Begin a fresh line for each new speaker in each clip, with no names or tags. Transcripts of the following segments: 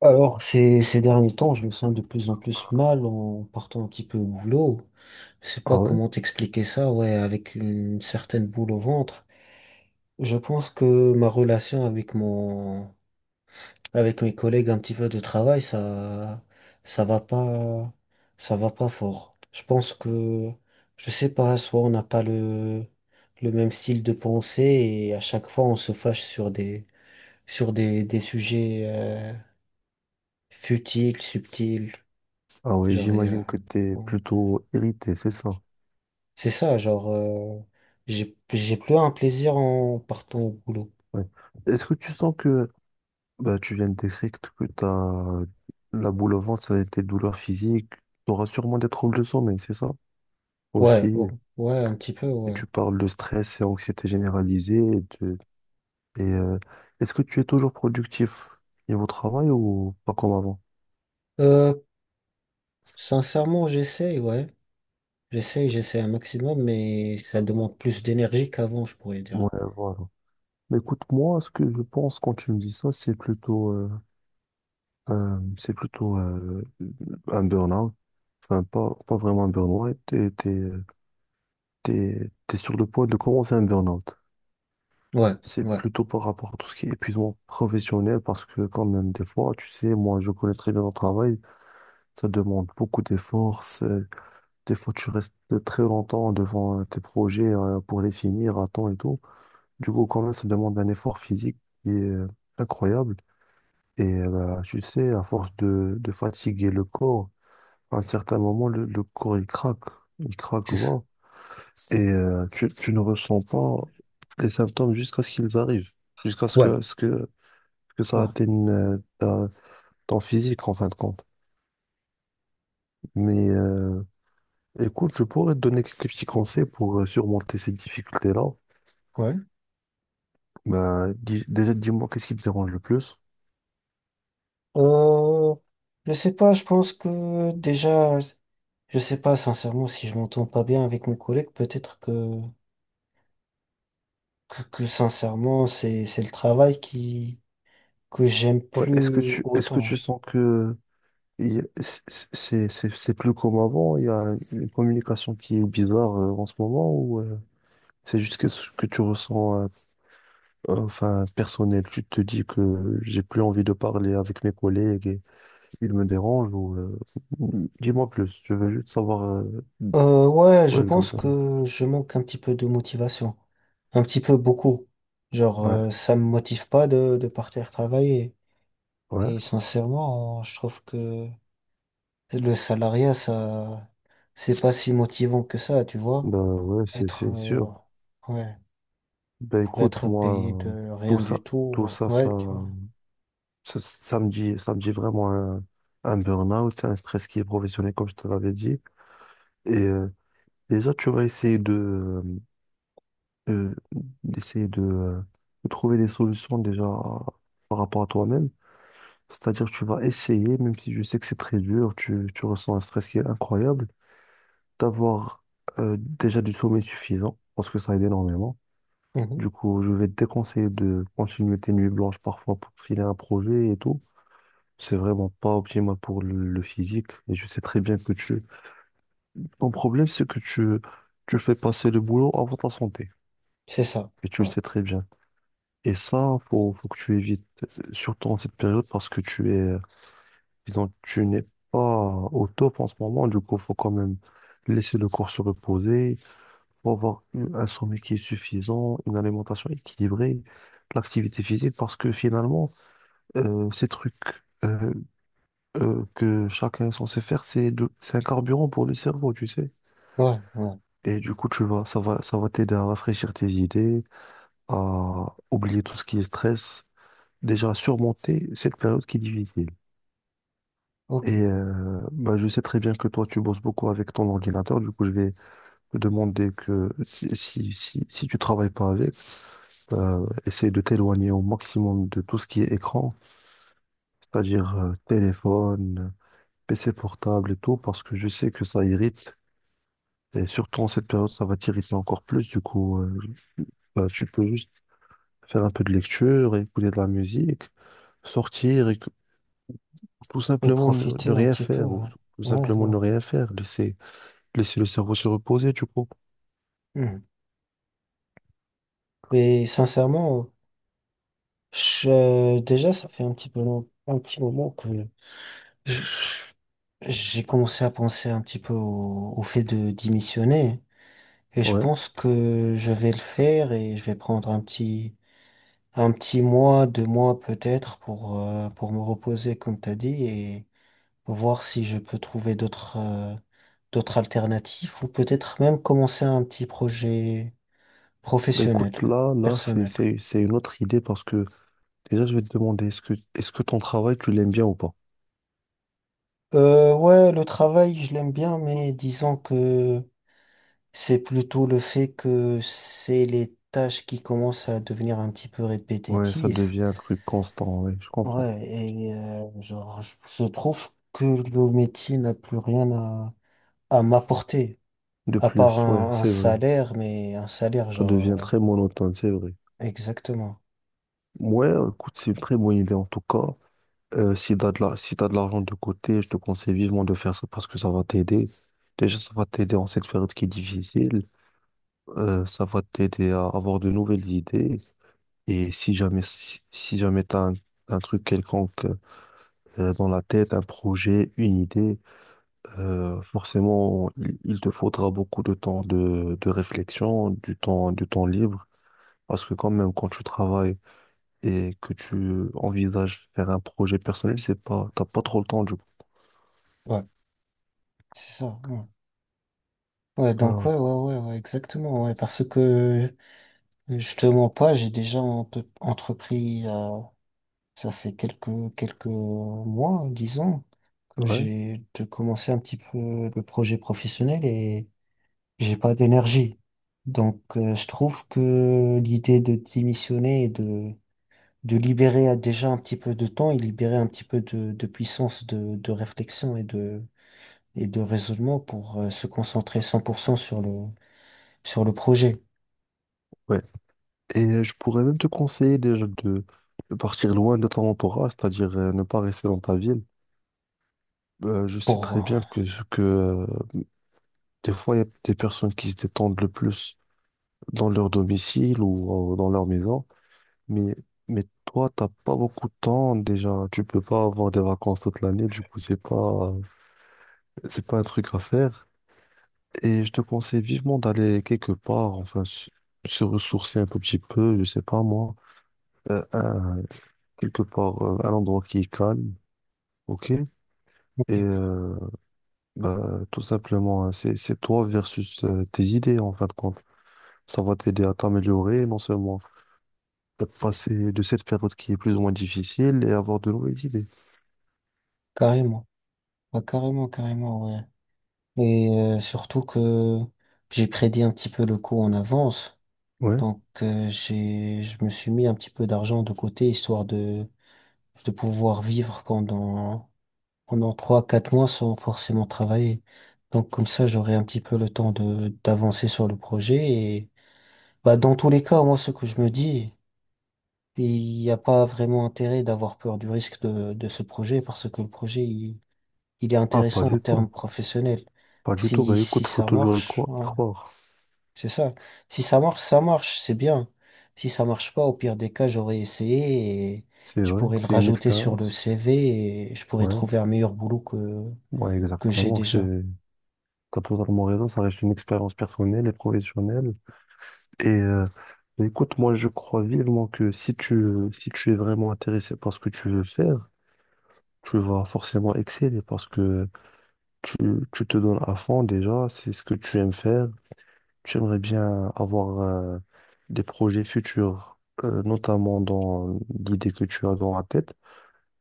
Alors, ces derniers temps, je me sens de plus en plus mal en partant un petit peu au boulot. Je sais
Ah
pas
ouais?
comment t'expliquer ça, ouais, avec une certaine boule au ventre. Je pense que ma relation avec avec mes collègues un petit peu de travail, ça va pas, ça va pas fort. Je sais pas, soit on n'a pas le même style de pensée et à chaque fois on se fâche sur des sujets, futiles, subtils.
Ah ouais,
Genre, et, euh,
j'imagine que tu es
bon.
plutôt irrité, c'est ça.
c'est ça, genre, euh, j'ai plus un plaisir en partant au boulot.
Ouais. Est-ce que tu sens que tu viens de décrire que t'as la boule au ventre, ça a été douleur physique, tu auras sûrement des troubles de sommeil, c'est ça?
Ouais, oh,
Aussi,
ouais, un petit peu,
et
ouais.
tu parles de stress et anxiété généralisée. Et, euh, est-ce que tu es toujours productif niveau travail ou pas comme avant?
Euh, Sincèrement, j'essaye, ouais. J'essaye un maximum, mais ça demande plus d'énergie qu'avant, je pourrais
Ouais,
dire.
voilà. Mais écoute, moi, ce que je pense quand tu me dis ça, c'est plutôt un burn-out. Enfin, pas, pas vraiment un burn-out. Ouais, t'es sur le point de commencer un burn-out.
Ouais,
C'est
ouais,
plutôt par rapport à tout ce qui est épuisement professionnel parce que quand même, des fois, tu sais, moi, je connais très bien mon travail. Ça demande beaucoup d'efforts. Des fois, tu restes très longtemps devant tes projets pour les finir à temps et tout. Du coup, quand même, ça demande un effort physique qui est incroyable. Et bah, tu sais, à force de fatiguer le corps, à un certain moment, le corps, il craque. Il craque,
c'est ça.
voilà. Et tu ne ressens pas les symptômes jusqu'à ce qu'ils arrivent. Jusqu'à
Ouais,
ce que ça
ouais,
atteigne ton physique, en fin de compte. Mais écoute, je pourrais te donner quelques petits conseils pour surmonter ces difficultés-là.
ouais.
Ben, déjà, dis-moi, qu'est-ce qui te dérange le plus?
Euh, je sais pas, je pense que déjà, je sais pas, sincèrement, si je m'entends pas bien avec mes collègues, peut-être que sincèrement, c'est le travail que j'aime
Ouais,
plus
est-ce que tu
autant.
sens que il y a- c- c- c'est plus comme avant? Il y a une communication qui est bizarre en ce moment ou... C'est juste que ce que tu ressens, enfin, personnel. Tu te dis que j'ai plus envie de parler avec mes collègues et ils me dérangent ou, dis-moi plus. Je veux juste savoir,
Ouais, je
quoi
pense
exactement.
que je manque un petit peu de motivation. Un petit peu beaucoup.
Ouais,
Ça me motive pas de partir travailler.
ouais.
Et sincèrement, je trouve que le salariat, c'est pas si motivant que ça, tu vois.
Bah ouais,
Être,
c'est
euh,
sûr.
ouais,
Bah
pour
écoute,
être
moi,
payé de
tout
rien
ça,
du
tout
tout,
ça, ça,
ouais, tu vois.
ça, ça me dit vraiment un burn-out, c'est un stress qui est professionnel, comme je te l'avais dit. Et déjà, tu vas essayer euh, d'essayer de trouver des solutions déjà par rapport à toi-même. C'est-à-dire, tu vas essayer, même si je sais que c'est très dur, tu ressens un stress qui est incroyable, d'avoir déjà du sommeil suffisant, parce que ça aide énormément.
Mhm.
Du coup, je vais te déconseiller de continuer tes nuits blanches parfois pour filer un projet et tout. C'est vraiment pas optimal pour le physique. Et je sais très bien que tu... Ton problème, c'est que tu fais passer le boulot avant ta santé.
C'est ça,
Et tu le
ouais,
sais très bien. Et ça, faut que tu évites, surtout en cette période, parce que tu es, disons, tu n'es pas au top en ce moment. Du coup, faut quand même laisser le corps se reposer, un sommeil qui est suffisant, une alimentation équilibrée, l'activité physique, parce que finalement, ces trucs euh, que chacun est censé faire, c'est un carburant pour le cerveau, tu sais.
ouais, ouais,
Et du coup, tu vas, ça va t'aider à rafraîchir tes idées, à oublier tout ce qui est stress. Déjà surmonter cette période qui est difficile. Et
ok.
bah, je sais très bien que toi, tu bosses beaucoup avec ton ordinateur. Du coup, je vais te demander que si tu travailles pas avec, essaye de t'éloigner au maximum de tout ce qui est écran, c'est-à-dire téléphone, PC portable et tout, parce que je sais que ça irrite. Et surtout en cette période, ça va t'irriter encore plus. Du coup, bah, tu peux juste faire un peu de lecture, écouter de la musique, sortir, tout
Et
simplement ne
profiter un
rien
petit peu,
faire, ou
ouais,
tout
ouais,
simplement
ouais.
ne rien faire, laisser, laisser le cerveau se reposer, tu coup.
Mhm. Mais sincèrement, déjà, ça fait un petit peu un petit moment que je- j'ai commencé à penser un petit peu au fait de démissionner. Et je
Ouais.
pense que je vais le faire et je vais prendre un petit mois, deux mois peut-être pour me reposer, comme t'as dit, et voir si je peux trouver d'autres alternatives ou peut-être même commencer un petit projet
Bah écoute,
professionnel, personnel.
c'est une autre idée parce que déjà, je vais te demander, est-ce que ton travail, tu l'aimes bien ou pas?
Ouais, le travail, je l'aime bien, mais disons que c'est plutôt le fait que c'est les tâches qui commencent à devenir un petit peu
Ouais, ça
répétitives.
devient un truc constant, ouais, je comprends.
Ouais, et euh, genre, je, je trouve que le métier n'a plus rien à, à m'apporter,
De
à part
plus, ouais,
un
c'est vrai.
salaire, mais un salaire,
Ça devient très monotone, c'est vrai.
exactement.
Ouais, écoute, c'est une très bonne idée en tout cas. Si t'as de l'argent de côté, je te conseille vivement de faire ça parce que ça va t'aider. Déjà, ça va t'aider en cette période qui est difficile. Ça va t'aider à avoir de nouvelles idées. Et si jamais t'as un truc quelconque dans la tête, un projet, une idée, forcément, il te faudra beaucoup de temps de réflexion, du temps libre. Parce que quand même, quand tu travailles et que tu envisages faire un projet personnel, c'est pas, t'as pas trop le temps du coup.
Ouais, c'est ça. Ouais. Ouais, donc
Ah,
ouais, exactement, ouais, parce que je te mens pas, j'ai déjà entrepris. Ça fait quelques mois, disons, que
ouais,
commencé un petit peu le projet professionnel et j'ai pas d'énergie. Donc, je trouve que l'idée de démissionner et de libérer déjà un petit peu de temps et libérer un petit peu de puissance de réflexion et de raisonnement pour se concentrer 100% sur sur le projet.
ouais. Et je pourrais même te conseiller déjà de partir loin de ton entourage, c'est-à-dire ne pas rester dans ta ville. Je sais très
Pour,
bien que des fois, il y a des personnes qui se détendent le plus dans leur domicile ou dans leur maison, mais, mais toi, t'as pas beaucoup de temps déjà. Tu peux pas avoir des vacances toute l'année, du coup, c'est pas un truc à faire. Et je te conseille vivement d'aller quelque part, enfin, se ressourcer un tout petit peu, je sais pas moi, euh, un- quelque part, un endroit qui est calme, ok? Et
ok,
euh, bah, tout simplement, hein, c'est toi versus tes idées, en fin de compte. Ça va t'aider à t'améliorer, non seulement à passer de cette période qui est plus ou moins difficile et avoir de nouvelles idées.
carrément. Ah, carrément, carrément, ouais. Et surtout que j'ai prédit un petit peu le coup en avance.
Ouais,
Donc j'ai je me suis mis un petit peu d'argent de côté histoire de pouvoir vivre pendant trois quatre mois sans forcément travailler. Donc comme ça j'aurai un petit peu le temps de d'avancer sur le projet et bah dans tous les cas moi ce que je me dis il n'y a pas vraiment intérêt d'avoir peur du risque de ce projet parce que le projet il est
ah, pas
intéressant en
du tout.
termes professionnels.
Pas du tout.
Si
Bah
si
écoute, faut
ça
toujours y
marche
croire. Y croire.
C'est ça. Si ça marche, ça marche, c'est bien. Si ça marche pas, au pire des cas, j'aurais essayé et
C'est
je
vrai,
pourrais
que
le
c'est une
rajouter sur le
expérience.
CV et je pourrais
Ouais,
trouver un meilleur boulot
ouais,
que j'ai
exactement.
déjà.
C'est T'as totalement raison, ça reste une expérience personnelle et professionnelle. Et écoute, moi je crois vivement que si tu es vraiment intéressé par ce que tu veux faire, tu vas forcément exceller parce que tu, tu te donnes à fond déjà, c'est ce que tu aimes faire. Tu aimerais bien avoir des projets futurs, notamment dans l'idée que tu as dans la tête.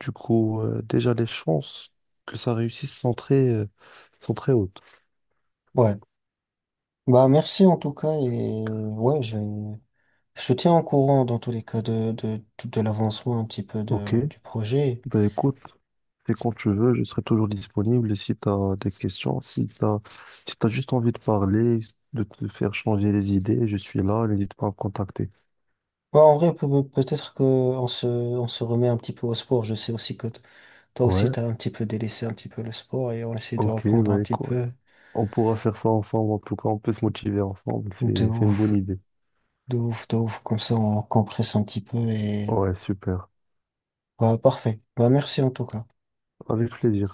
Du coup, déjà les chances que ça réussisse sont très hautes.
Ouais. Bah, merci en tout cas et ouais, je te tiens au courant dans tous les cas de l'avancement un petit peu
Ok.
de, du projet.
Ben écoute, et quand tu veux, je serai toujours disponible. Et si tu as des questions, si tu as, si t'as juste envie de parler, de te faire changer les idées, je suis là, n'hésite pas à me contacter.
Ouais, en vrai, peut-être que on se remet un petit peu au sport. Je sais aussi que toi aussi,
Ouais,
t'as un petit peu délaissé un petit peu le sport et on essaie de
ok,
reprendre un
ouais,
petit
quoi.
peu
On pourra faire ça ensemble, en tout cas, on peut se motiver ensemble,
de
c'est une bonne
ouf.
idée.
De ouf, de ouf. Comme ça, on compresse un petit peu et...
Ouais, super.
Bah, parfait. Bah, merci en tout cas.
Avec plaisir.